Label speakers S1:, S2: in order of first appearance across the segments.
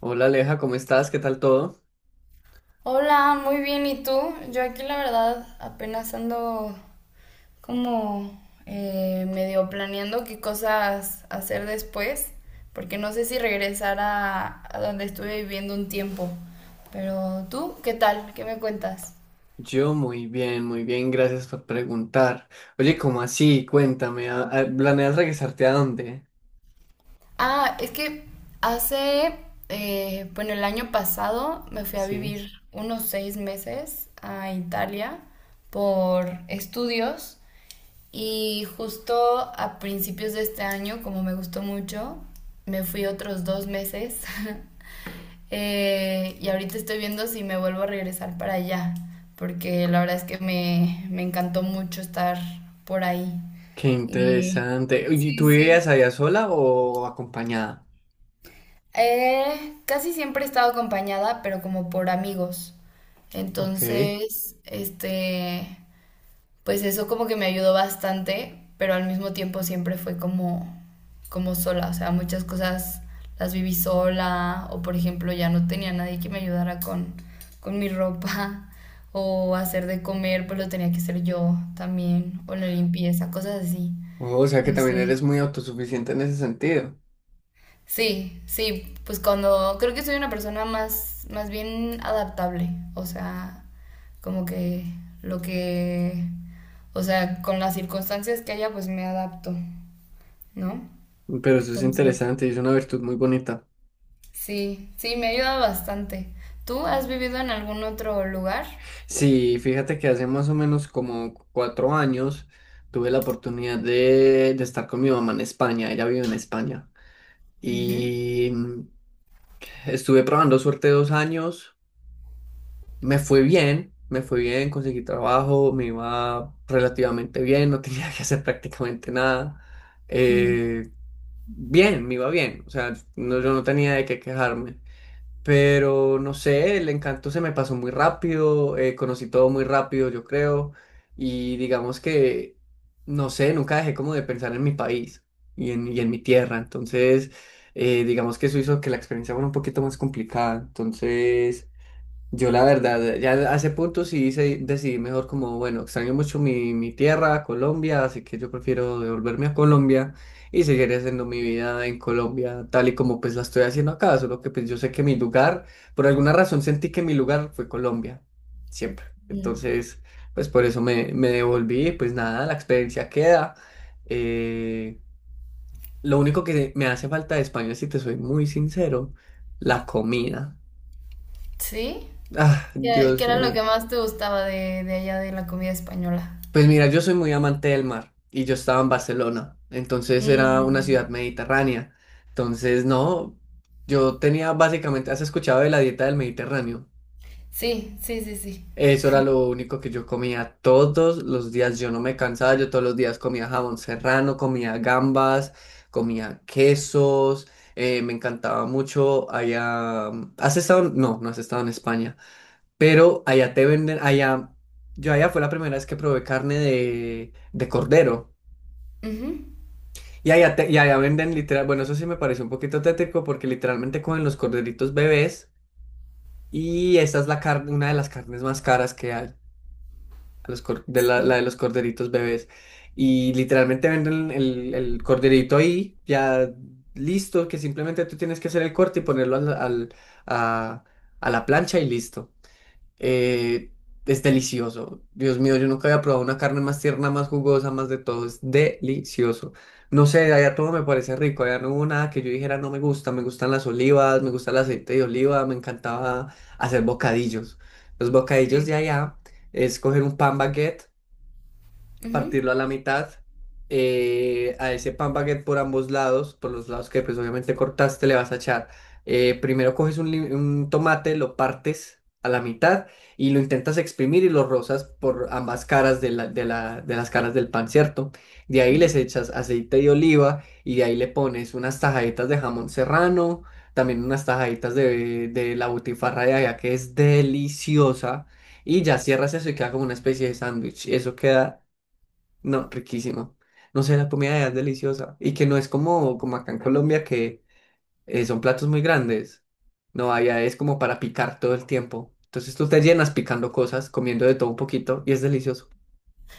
S1: Hola Aleja, ¿cómo estás? ¿Qué tal todo?
S2: Hola, muy bien. ¿Y tú? Yo aquí la verdad apenas ando como medio planeando qué cosas hacer después, porque no sé si regresar a donde estuve viviendo un tiempo. Pero tú, ¿qué tal? ¿Qué me cuentas?
S1: Yo muy bien, gracias por preguntar. Oye, ¿cómo así? Cuéntame, ¿planeas regresarte a dónde?
S2: Ah, es que hace, bueno, el año pasado me fui a
S1: Sí,
S2: vivir unos 6 meses a Italia por estudios y justo a principios de este año, como me gustó mucho, me fui otros 2 meses. Y ahorita estoy viendo si me vuelvo a regresar para allá, porque la verdad es que me encantó mucho estar por ahí.
S1: qué
S2: Y
S1: interesante. Oye, ¿y
S2: sí,
S1: tú vivías
S2: sí.
S1: allá sola o acompañada?
S2: Casi siempre he estado acompañada, pero como por amigos.
S1: Ok.
S2: Entonces, pues eso como que me ayudó bastante, pero al mismo tiempo siempre fue como, como sola. O sea, muchas cosas las viví sola, o por ejemplo, ya no tenía nadie que me ayudara con mi ropa, o hacer de comer, pues lo tenía que hacer yo también, o la limpieza, cosas así.
S1: Oh, o sea que
S2: No
S1: también
S2: sé.
S1: eres muy autosuficiente en ese sentido.
S2: Sí, sí, pues cuando creo que soy una persona más bien adaptable, o sea, como que lo que, o sea, con las circunstancias que haya, pues me adapto, ¿no?
S1: Pero eso es
S2: Entonces,
S1: interesante y es una virtud muy bonita.
S2: sí, sí, me ayuda bastante. ¿Tú has vivido en algún otro lugar?
S1: Sí, fíjate que hace más o menos como cuatro años tuve la oportunidad de estar con mi mamá en España. Ella vive en España.
S2: Ujú.
S1: Y mm, estuve probando suerte dos años, me fue bien, conseguí trabajo, me iba relativamente bien, no tenía que hacer prácticamente nada.
S2: Ujú.
S1: Eh, Bien, me iba bien, o sea, yo no tenía de qué quejarme. Pero no sé, el encanto se me pasó muy rápido, conocí todo muy rápido, yo creo, y digamos que, no sé, nunca dejé como de pensar en mi país y en mi tierra, entonces, digamos que eso hizo que la experiencia fuera un poquito más complicada, entonces... Yo la verdad, ya a ese punto sí decidí mejor como, bueno, extraño mucho mi tierra, Colombia, así que yo prefiero devolverme a Colombia y seguir haciendo mi vida en Colombia, tal y como pues la estoy haciendo acá, solo que pues yo sé que mi lugar, por alguna razón sentí que mi lugar fue Colombia, siempre.
S2: Mm.
S1: Entonces, pues por eso me devolví, pues nada, la experiencia queda. Eh, lo único que me hace falta de España, si te soy muy sincero, la comida.
S2: ¿Sí?
S1: Ah,
S2: ¿Qué
S1: Dios
S2: era lo que
S1: mío.
S2: más te gustaba de allá de la comida española?
S1: Pues mira, yo soy muy amante del mar y yo estaba en Barcelona, entonces era una
S2: Mm.
S1: ciudad mediterránea. Entonces, no, yo tenía básicamente, ¿has escuchado de la dieta del Mediterráneo?
S2: Sí, sí, sí, sí.
S1: Eso era lo único que yo comía todos los días, yo no me cansaba, yo todos los días comía jamón serrano, comía gambas, comía quesos, me encantaba mucho allá. ¿Has estado? No, no has estado en España, pero allá te venden, allá, yo allá fue la primera vez que probé carne de cordero.
S2: Ujú.
S1: Y allá, y allá venden literal, bueno, eso sí me parece un poquito tétrico porque literalmente cogen los corderitos bebés y esta es la carne, una de las carnes más caras que hay, a los de la
S2: Sí,
S1: de los corderitos bebés. Y literalmente venden el corderito ahí, ya listo, que simplemente tú tienes que hacer el corte y ponerlo a, a la plancha y listo. eh, es delicioso. Dios mío, yo nunca había probado una carne más tierna, más jugosa, más de todo. Es delicioso. No sé, allá todo me parece rico. Allá no hubo nada que yo dijera no me gusta. Me gustan las olivas, me gusta el aceite de oliva, me encantaba hacer bocadillos. Los bocadillos
S2: sí.
S1: de allá es coger un pan baguette, partirlo
S2: Ujú,
S1: a la mitad, a ese pan baguette por ambos lados, por los lados que pues obviamente cortaste, le vas a echar, primero coges un tomate, lo partes a la mitad y lo intentas exprimir y lo rozas por ambas caras de, de las caras del pan, ¿cierto? De ahí les
S2: ujú.
S1: echas aceite de oliva y de ahí le pones unas tajaditas de jamón serrano, también unas tajaditas de la butifarra de allá que es deliciosa y ya cierras eso y queda como una especie de sándwich. Eso queda, no, riquísimo. No sé, la comida allá es deliciosa. Y que no es como, como acá en Colombia, que son platos muy grandes. No, allá es como para picar todo el tiempo. Entonces tú te llenas picando cosas, comiendo de todo un poquito, y es delicioso.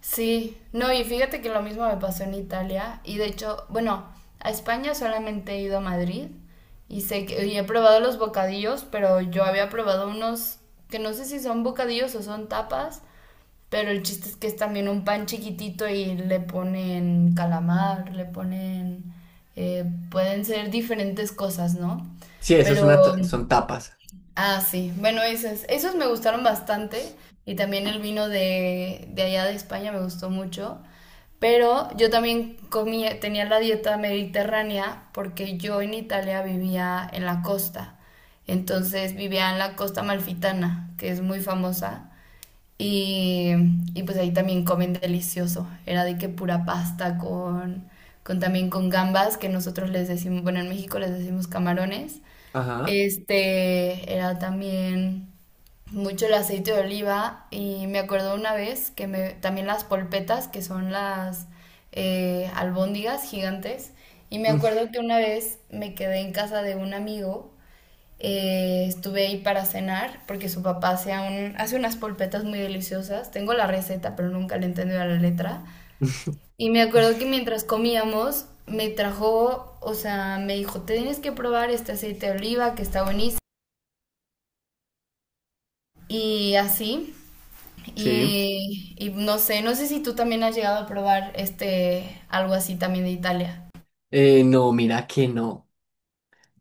S2: Sí, no, y fíjate que lo mismo me pasó en Italia y de hecho, bueno, a España solamente he ido a Madrid y sé que y he probado los bocadillos, pero yo había probado unos que no sé si son bocadillos o son tapas, pero el chiste es que es también un pan chiquitito y le ponen calamar, le ponen, eh, pueden ser diferentes cosas, ¿no?
S1: Sí, eso es
S2: Pero
S1: una son tapas.
S2: Ah, sí. Bueno, esos, esos me gustaron bastante. Y también el vino de allá de España me gustó mucho. Pero yo también comía, tenía la dieta mediterránea porque yo en Italia vivía en la costa. Entonces vivía en la costa malfitana que es muy famosa. Y, y pues ahí también comen delicioso. Era de que pura pasta con también con gambas, que nosotros les decimos, bueno, en México les decimos camarones.
S1: Ajá.
S2: Este era también mucho el aceite de oliva y me acuerdo una vez que me, también las polpetas, que son las albóndigas gigantes, y me
S1: Mm,
S2: acuerdo que una vez me quedé en casa de un amigo, estuve ahí para cenar porque su papá hace, hace unas polpetas muy deliciosas, tengo la receta pero nunca le he entendido a la letra, y me acuerdo que mientras comíamos me trajo, o sea, me dijo, tienes que probar este aceite de oliva que está buenísimo y así.
S1: sí.
S2: Y no sé, no sé si tú también has llegado a probar este algo así también de Italia.
S1: No, mira que no.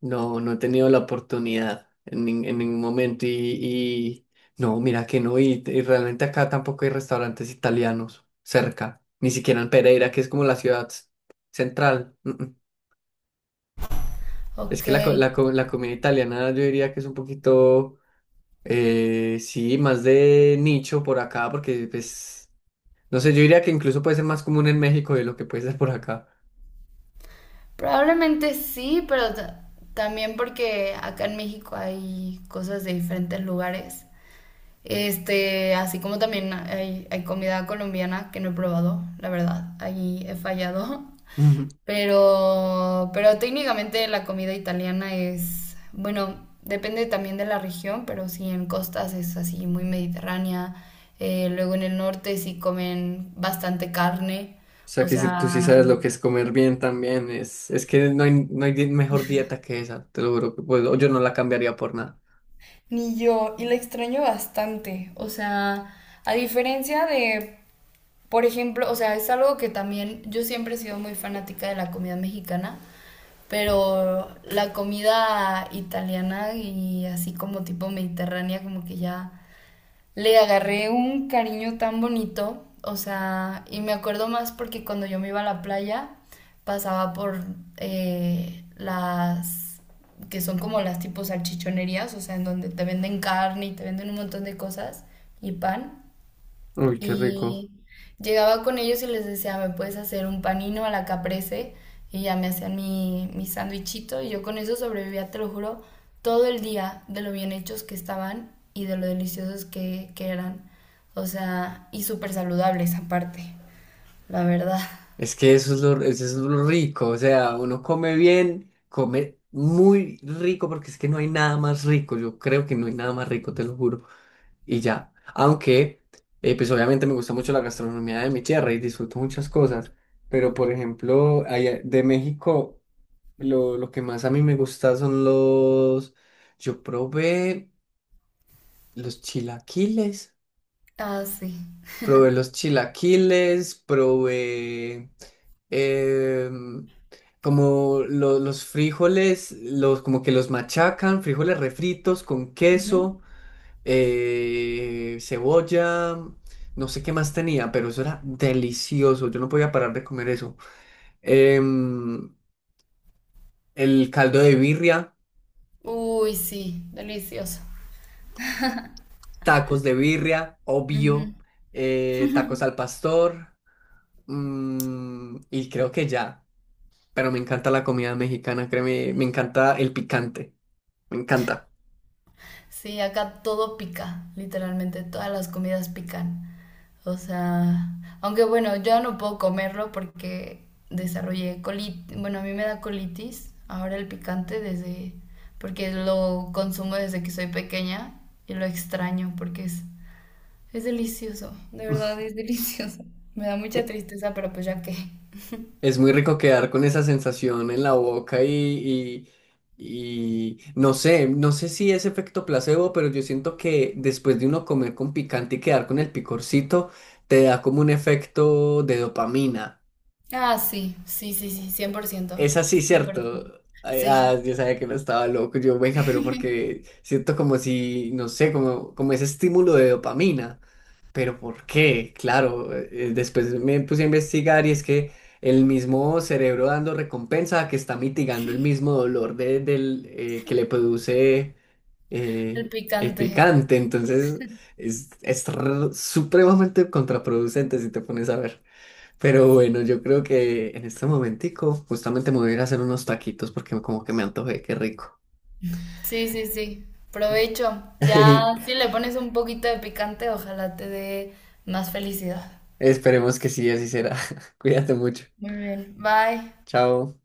S1: No, no he tenido la oportunidad en, en ningún momento no, mira que no, y realmente acá tampoco hay restaurantes italianos cerca, ni siquiera en Pereira, que es como la ciudad central. Mm, mm. Es
S2: Ok,
S1: que la comida italiana yo diría que es un poquito, sí, más de nicho por acá, porque pues, no sé, yo diría que incluso puede ser más común en México de lo que puede ser por acá.
S2: probablemente sí, pero también porque acá en México hay cosas de diferentes lugares. Este, así como también hay comida colombiana que no he probado, la verdad, ahí he fallado. Pero técnicamente la comida italiana es, bueno, depende también de la región, pero sí en costas es así muy mediterránea. Luego en el norte sí comen bastante carne,
S1: O sea
S2: o
S1: que si tú sí
S2: sea,
S1: sabes lo que es comer bien también, es que no hay, no hay mejor dieta que esa, te lo juro que puedo, yo no la cambiaría por nada.
S2: ni yo, y la extraño bastante. O sea, a diferencia de, por ejemplo, o sea, es algo que también yo siempre he sido muy fanática de la comida mexicana. Pero la comida italiana y así como tipo mediterránea, como que ya le agarré un cariño tan bonito. O sea, y me acuerdo más porque cuando yo me iba a la playa, pasaba por las que son como las tipo salchichonerías, o sea, en donde te venden carne y te venden un montón de cosas y pan.
S1: Uy, qué rico.
S2: Y llegaba con ellos y les decía, ¿me puedes hacer un panino a la caprese? Y ya me hacían mi sandwichito y yo con eso sobrevivía, te lo juro, todo el día de lo bien hechos que estaban y de lo deliciosos que eran. O sea, y súper saludables aparte, la verdad.
S1: Es que eso es lo rico, o sea, uno come bien, come muy rico porque es que no hay nada más rico, yo creo que no hay nada más rico, te lo juro. Y ya, aunque, pues obviamente me gusta mucho la gastronomía de mi tierra y disfruto muchas cosas, pero por ejemplo, allá de México... Lo que más a mí me gusta son los... Yo probé los chilaquiles,
S2: Ah, sí.
S1: probé los chilaquiles, probé em, como los frijoles, los, como que los machacan, frijoles refritos con
S2: Ujú.
S1: queso, cebolla, no sé qué más tenía, pero eso era delicioso, yo no podía parar de comer eso. Em, el caldo de birria.
S2: Uy, sí, delicioso.
S1: Tacos de birria, obvio. Tacos al pastor. Mm, y creo que ya. Pero me encanta la comida mexicana, créeme, me encanta el picante. Me encanta.
S2: Sí, acá todo pica, literalmente, todas las comidas pican. O sea, aunque bueno, yo no puedo comerlo porque desarrollé colitis, bueno, a mí me da colitis, ahora el picante porque lo consumo desde que soy pequeña y lo extraño porque es delicioso, de verdad es delicioso. Me da mucha
S1: Eh,
S2: tristeza, pero pues ya que...
S1: Es muy rico quedar con esa sensación en la boca y no sé, no sé si es efecto placebo, pero yo siento que después de uno comer con picante y quedar con el picorcito, te da como un efecto de dopamina.
S2: Ah, sí, sí, sí, sí, cien por ciento,
S1: Es así,
S2: 100%.
S1: ¿cierto? Ay,
S2: Sí,
S1: ah, yo sabía que no estaba loco, yo, venga, pero porque siento como si, no sé, como, como ese estímulo de dopamina. Pero ¿por qué? Claro, después me puse a investigar y es que el mismo cerebro dando recompensa que está mitigando el mismo dolor del, que le produce
S2: el
S1: el
S2: picante.
S1: picante. Entonces es, supremamente contraproducente si te pones a ver. Pero
S2: Sí.
S1: bueno, yo creo que en este momentico justamente me voy a ir a hacer unos taquitos porque como que me antojé, qué rico.
S2: Sí, sí, sí. Provecho. Ya, si le pones un poquito de picante, ojalá te dé más felicidad.
S1: Y esperemos que sí, así será. Cuídate mucho.
S2: Muy bien. Bye.
S1: Chao.